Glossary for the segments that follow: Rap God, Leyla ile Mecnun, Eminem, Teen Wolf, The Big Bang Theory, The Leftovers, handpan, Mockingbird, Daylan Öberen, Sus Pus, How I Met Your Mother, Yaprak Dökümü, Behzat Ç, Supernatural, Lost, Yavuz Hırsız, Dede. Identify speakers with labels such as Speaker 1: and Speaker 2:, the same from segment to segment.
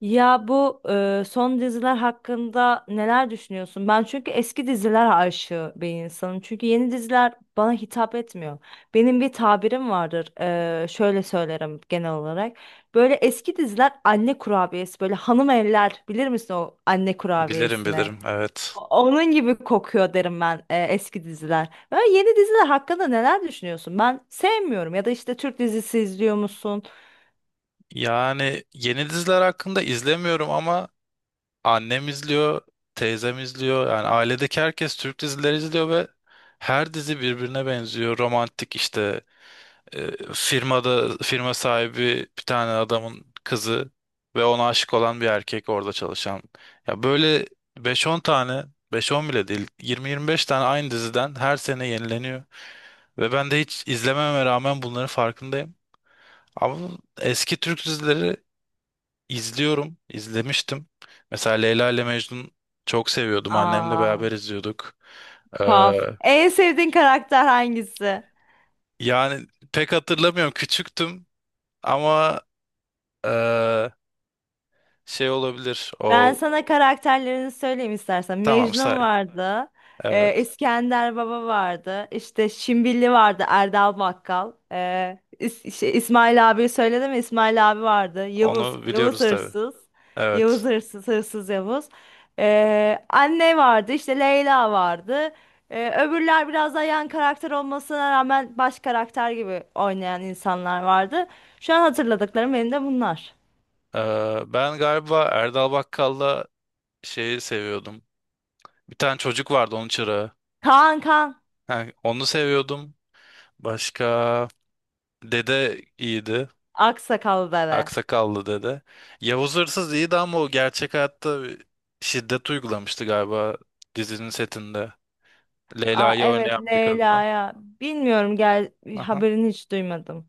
Speaker 1: Ya bu son diziler hakkında neler düşünüyorsun? Ben çünkü eski diziler aşığı bir insanım. Çünkü yeni diziler bana hitap etmiyor. Benim bir tabirim vardır. Şöyle söylerim genel olarak. Böyle eski diziler anne kurabiyesi, böyle hanım evler bilir misin o anne
Speaker 2: Bilirim
Speaker 1: kurabiyesine?
Speaker 2: bilirim evet.
Speaker 1: Onun gibi kokuyor derim ben, eski diziler. Böyle yeni diziler hakkında neler düşünüyorsun? Ben sevmiyorum, ya da işte Türk dizisi izliyor musun?
Speaker 2: Yani yeni diziler hakkında izlemiyorum ama annem izliyor, teyzem izliyor. Yani ailedeki herkes Türk dizileri izliyor ve her dizi birbirine benziyor. Romantik işte, firmada firma sahibi bir tane adamın kızı ve ona aşık olan bir erkek orada çalışan. Ya böyle beş on tane, beş on bile değil, yirmi yirmi beş tane aynı diziden her sene yenileniyor. Ve ben de hiç izlememe rağmen bunların farkındayım. Ama eski Türk dizileri izliyorum, izlemiştim. Mesela Leyla ile Mecnun çok seviyordum. Annemle beraber
Speaker 1: Aa.
Speaker 2: izliyorduk. Ee,
Speaker 1: Puff. En sevdiğin karakter hangisi?
Speaker 2: yani pek hatırlamıyorum. Küçüktüm ama ee, şey olabilir.
Speaker 1: Ben
Speaker 2: O,
Speaker 1: sana karakterlerini söyleyeyim istersen.
Speaker 2: tamam say.
Speaker 1: Mecnun vardı.
Speaker 2: Evet.
Speaker 1: İskender Baba vardı. İşte Şimbilli vardı. Erdal Bakkal. İsmail abi söyledim mi? İsmail abi vardı. Yavuz.
Speaker 2: Onu
Speaker 1: Yavuz
Speaker 2: biliyoruz tabii.
Speaker 1: Hırsız. Yavuz
Speaker 2: Evet.
Speaker 1: Hırsız. Hırsız Yavuz. Anne vardı. İşte Leyla vardı. Öbürler biraz daha yan karakter olmasına rağmen baş karakter gibi oynayan insanlar vardı. Şu an hatırladıklarım benim de bunlar.
Speaker 2: Ben galiba Erdal Bakkal'la şeyi seviyordum. Bir tane çocuk vardı, onun çırağı.
Speaker 1: Kaan Kaan.
Speaker 2: Ha, onu seviyordum. Başka... Dede iyiydi.
Speaker 1: Aksakallı bebe.
Speaker 2: Aksakallı dede. Yavuz Hırsız iyiydi ama o gerçek hayatta bir şiddet uygulamıştı galiba, dizinin setinde.
Speaker 1: Aa,
Speaker 2: Leyla'yı
Speaker 1: evet
Speaker 2: oynayan bir kadına.
Speaker 1: Leyla'ya. Bilmiyorum,
Speaker 2: Aha.
Speaker 1: haberini hiç duymadım.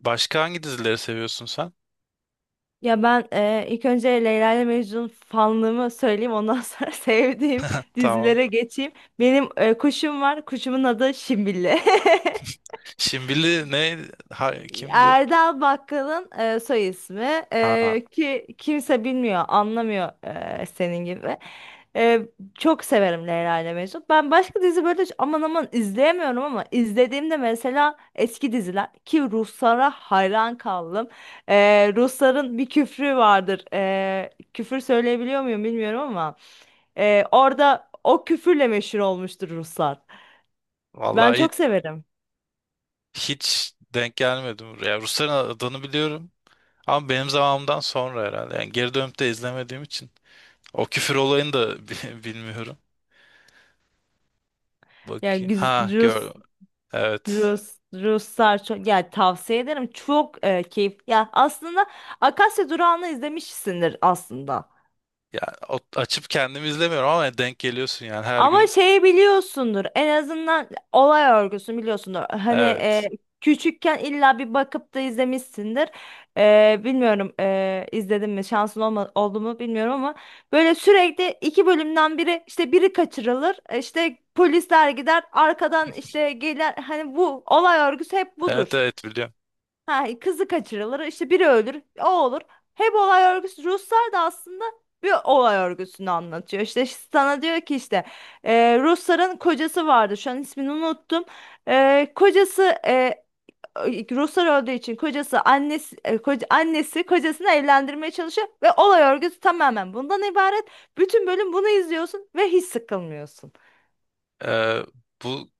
Speaker 2: Başka hangi dizileri seviyorsun sen?
Speaker 1: Ya ben, ilk önce Leyla ile Mecnun fanlığımı söyleyeyim, ondan sonra sevdiğim
Speaker 2: Tamam.
Speaker 1: dizilere geçeyim. Benim kuşum var. Kuşumun adı Şimbille.
Speaker 2: Şimbili ne? Ha, kimdi?
Speaker 1: Erdal Bakkal'ın soy ismi
Speaker 2: Ha,
Speaker 1: E, ki kimse bilmiyor, anlamıyor, senin gibi. E, Çok severim Leyla ile Mecnun. Ben başka dizi böyle hiç aman aman izleyemiyorum, ama izlediğimde, mesela eski diziler ki, Ruslara hayran kaldım. E, Rusların bir küfrü vardır. Küfür söyleyebiliyor muyum bilmiyorum ama orada o küfürle meşhur olmuştur Ruslar. Ben
Speaker 2: vallahi hiç,
Speaker 1: çok severim.
Speaker 2: hiç denk gelmedim buraya. Rusların adını biliyorum. Ama benim zamanımdan sonra herhalde. Yani geri dönüp de izlemediğim için. O küfür olayını da bilmiyorum.
Speaker 1: Yani
Speaker 2: Bakayım. Ha gör. Evet.
Speaker 1: Ruslar çok, yani tavsiye ederim. Çok keyif. Ya aslında Akasya Durağı'nı izlemişsindir aslında.
Speaker 2: Ya, açıp kendim izlemiyorum ama denk geliyorsun yani her
Speaker 1: Ama
Speaker 2: gün.
Speaker 1: şeyi biliyorsundur. En azından olay örgüsünü biliyorsundur. Hani
Speaker 2: Evet.
Speaker 1: küçükken illa bir bakıp da izlemişsindir. Bilmiyorum, izledim mi, şansın oldu mu bilmiyorum, ama böyle sürekli iki bölümden biri, işte biri kaçırılır. İşte polisler gider, arkadan işte gelir. Hani bu olay örgüsü hep
Speaker 2: Evet
Speaker 1: budur.
Speaker 2: evet biliyorum.
Speaker 1: Ha, kızı kaçırılır, işte biri ölür, o olur. Hep olay örgüsü. Ruslar da aslında bir olay örgüsünü anlatıyor. İşte sana diyor ki, işte Rusların kocası vardı. Şu an ismini unuttum. Kocası, Ruslar öldüğü için kocası annesi, annesi kocasını evlendirmeye çalışıyor ve olay örgüsü tamamen bundan ibaret. Bütün bölüm bunu izliyorsun ve hiç sıkılmıyorsun.
Speaker 2: Ee, bu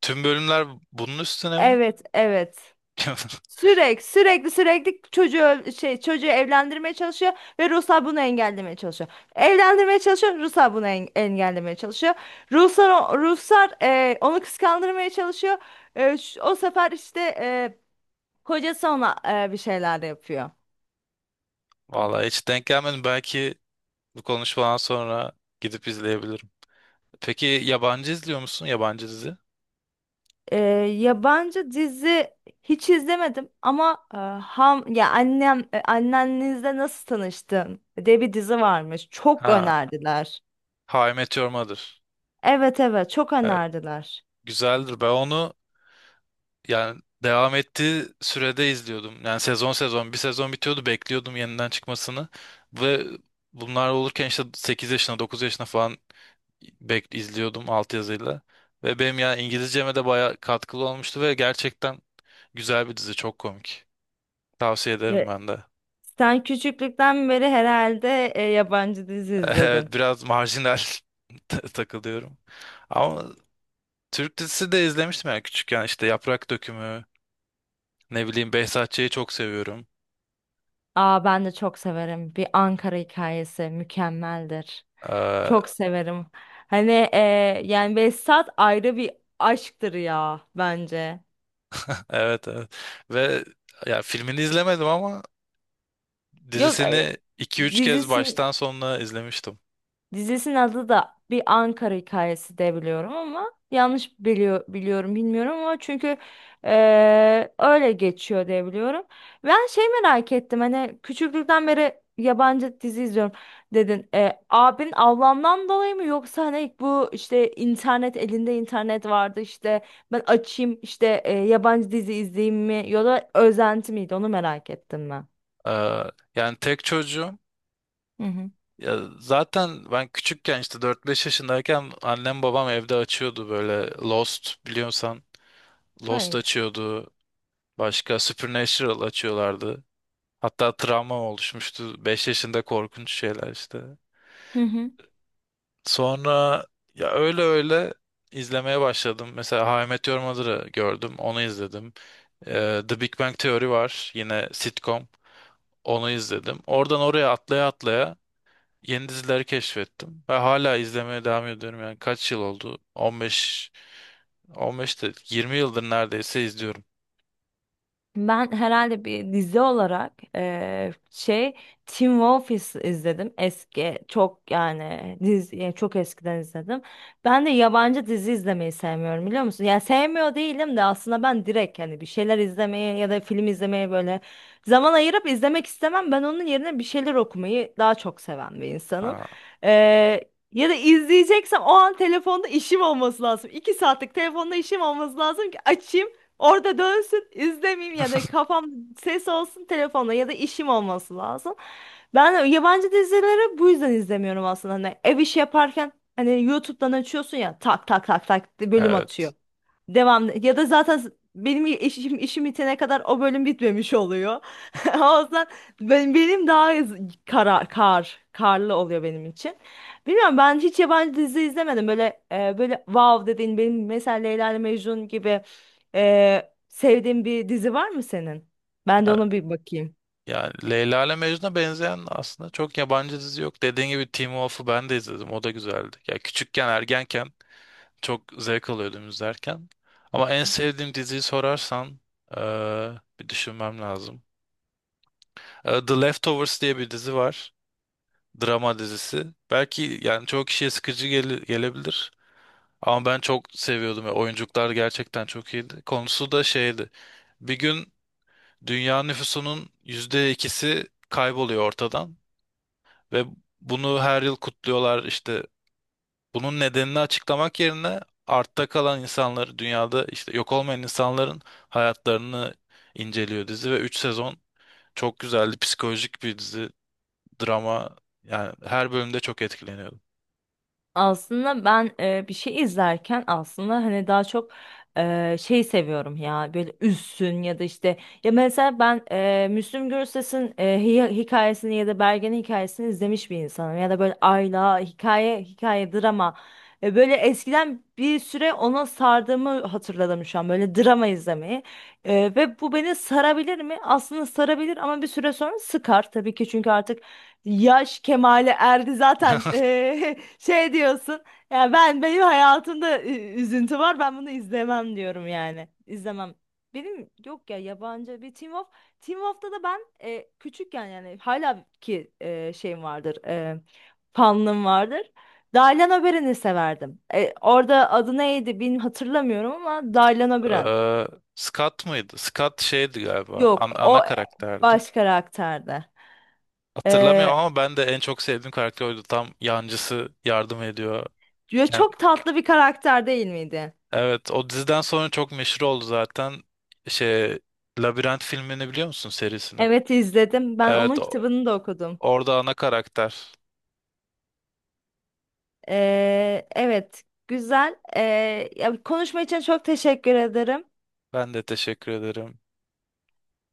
Speaker 2: tüm bölümler bunun üstüne mi?
Speaker 1: Evet, evet. Sürekli sürekli sürekli çocuğu öl- şey çocuğu evlendirmeye çalışıyor ve Ruslar bunu engellemeye çalışıyor. Evlendirmeye çalışıyor, Ruslar bunu engellemeye çalışıyor. Ruslar onu kıskandırmaya çalışıyor. O sefer işte kocası ona bir şeyler yapıyor.
Speaker 2: Vallahi hiç denk gelmedim. Belki bu konuşmadan sonra gidip izleyebilirim. Peki yabancı izliyor musun? Yabancı dizi?
Speaker 1: E, Yabancı dizi hiç izlemedim, ama e, ham ya annem, annenizle nasıl tanıştın diye bir dizi varmış. Çok
Speaker 2: Ha,
Speaker 1: önerdiler.
Speaker 2: How I Met Your Mother.
Speaker 1: Evet, evet, çok
Speaker 2: Evet,
Speaker 1: önerdiler.
Speaker 2: güzeldir. Ben onu, yani devam ettiği sürede izliyordum. Yani sezon sezon, bir sezon bitiyordu, bekliyordum yeniden çıkmasını, ve bunlar olurken işte 8 yaşına 9 yaşına falan bek izliyordum altyazıyla. Ve benim ya İngilizceme de bayağı katkılı olmuştu ve gerçekten güzel bir dizi, çok komik. Tavsiye ederim ben de.
Speaker 1: Sen küçüklükten beri herhalde yabancı dizi izledin.
Speaker 2: Evet, biraz marjinal takılıyorum. Ama Türk dizisi de izlemiştim yani küçükken, işte Yaprak Dökümü, ne bileyim, Behzat Ç'yi çok seviyorum.
Speaker 1: Aa, ben de çok severim. Bir Ankara Hikayesi mükemmeldir. Çok severim. Hani, yani Behzat ayrı bir aşktır ya bence.
Speaker 2: Evet evet. Ve ya, filmini izlemedim ama
Speaker 1: Yok,
Speaker 2: dizisini 2-3 kez
Speaker 1: dizisi
Speaker 2: baştan sonuna izlemiştim.
Speaker 1: Dizisinin adı da Bir Ankara Hikayesi de biliyorum, ama yanlış biliyorum bilmiyorum, ama çünkü öyle geçiyor diye biliyorum. Ben şey merak ettim, hani küçüklükten beri yabancı dizi izliyorum dedin. Abin ablamdan dolayı mı, yoksa hani bu işte internet, elinde internet vardı işte, ben açayım işte yabancı dizi izleyeyim mi, ya da özenti miydi, onu merak ettim ben.
Speaker 2: Ee, yani tek çocuğum.
Speaker 1: Hı hı.
Speaker 2: Ya zaten ben küçükken, işte 4-5 yaşındayken annem babam evde açıyordu böyle Lost, biliyorsan. Lost
Speaker 1: Hayır.
Speaker 2: açıyordu. Başka Supernatural açıyorlardı. Hatta travma oluşmuştu, 5 yaşında korkunç şeyler işte. Sonra ya, öyle öyle izlemeye başladım. Mesela How I Met Your Mother'ı gördüm. Onu izledim. The Big Bang Theory var. Yine sitcom. Onu izledim. Oradan oraya atlaya atlaya yeni dizileri keşfettim. Ve hala izlemeye devam ediyorum. Yani kaç yıl oldu? 15, 15 de 20 yıldır neredeyse izliyorum.
Speaker 1: Ben herhalde bir dizi olarak Teen Wolf izledim. Eski çok, yani dizi, yani çok eskiden izledim. Ben de yabancı dizi izlemeyi sevmiyorum, biliyor musun? Yani sevmiyor değilim de, aslında ben direkt hani bir şeyler izlemeye ya da film izlemeye böyle zaman ayırıp izlemek istemem. Ben onun yerine bir şeyler okumayı daha çok seven bir insanım.
Speaker 2: Ha.
Speaker 1: Ya da izleyeceksem, o an telefonda işim olması lazım. İki saatlik telefonda işim olması lazım ki açayım. Orada dönsün, izlemeyeyim, ya da kafam, ses olsun telefonda, ya da işim olması lazım. Ben yabancı dizileri bu yüzden izlemiyorum aslında. Hani ev işi yaparken hani YouTube'dan açıyorsun ya, tak tak tak tak bölüm
Speaker 2: Evet.
Speaker 1: atıyor. Devam, ya da zaten benim işim bitene kadar o bölüm bitmemiş oluyor. O yüzden benim daha z- kara, kar karlı oluyor benim için. Bilmiyorum, ben hiç yabancı dizi izlemedim. Böyle böyle wow dediğin, benim mesela Leyla ile Mecnun gibi sevdiğin bir dizi var mı senin? Ben de
Speaker 2: Ya-
Speaker 1: ona bir bakayım.
Speaker 2: Yani, Leyla ile Mecnun'a benzeyen aslında çok yabancı dizi yok. Dediğin gibi Teen Wolf'u ben de izledim. O da güzeldi. Ya küçükken, ergenken çok zevk alıyordum izlerken. Ama en sevdiğim diziyi sorarsan eee, bir düşünmem lazım. E, The Leftovers diye bir dizi var. Drama dizisi. Belki yani çoğu kişiye sıkıcı gelebilir. Ama ben çok seviyordum ya. Oyunculuklar gerçekten çok iyiydi. Konusu da şeydi. Bir gün dünya nüfusunun %2'si kayboluyor ortadan. Ve bunu her yıl kutluyorlar. İşte bunun nedenini açıklamak yerine, artta kalan insanları, dünyada işte yok olmayan insanların hayatlarını inceliyor dizi, ve 3 sezon çok güzeldi. Psikolojik bir dizi. Drama, yani her bölümde çok etkileniyordum.
Speaker 1: Aslında ben bir şey izlerken aslında hani daha çok şey seviyorum ya, böyle üzsün, ya da işte, ya mesela ben Müslüm Gürses'in hikayesini ya da Bergen'in hikayesini izlemiş bir insanım, ya da böyle Ayla, hikaye hikaye drama. Böyle eskiden bir süre ona sardığımı hatırladım şu an, böyle drama izlemeyi. Ve bu beni sarabilir mi? Aslında sarabilir, ama bir süre sonra sıkar tabii ki, çünkü artık yaş kemale erdi zaten, şey diyorsun, ya benim hayatımda üzüntü var, ben bunu izlemem diyorum yani. İzlemem. Benim yok ya, yabancı bir, Teen Wolf'ta da ben küçükken yani, hala ki şeyim vardır, fanlığım vardır. Daylan Öberen'i severdim. Orada adı neydi bilmiyorum, hatırlamıyorum, ama Daylan Öberen,
Speaker 2: Ee, Scott mıydı? Scott şeydi galiba.
Speaker 1: yok
Speaker 2: Ana
Speaker 1: o
Speaker 2: karakterdi.
Speaker 1: baş karakterde.
Speaker 2: Hatırlamıyorum ama ben de en çok sevdiğim karakter oydu. Tam yancısı yardım ediyor.
Speaker 1: Ya
Speaker 2: Ken-
Speaker 1: çok tatlı bir karakter değil miydi?
Speaker 2: evet, o diziden sonra çok meşhur oldu zaten. Şey, Labirent filmini biliyor musun, serisini?
Speaker 1: Evet, izledim. Ben
Speaker 2: Evet,
Speaker 1: onun kitabını da okudum.
Speaker 2: orada ana karakter.
Speaker 1: Evet, güzel. Ya konuşma için çok teşekkür ederim.
Speaker 2: Ben de teşekkür ederim.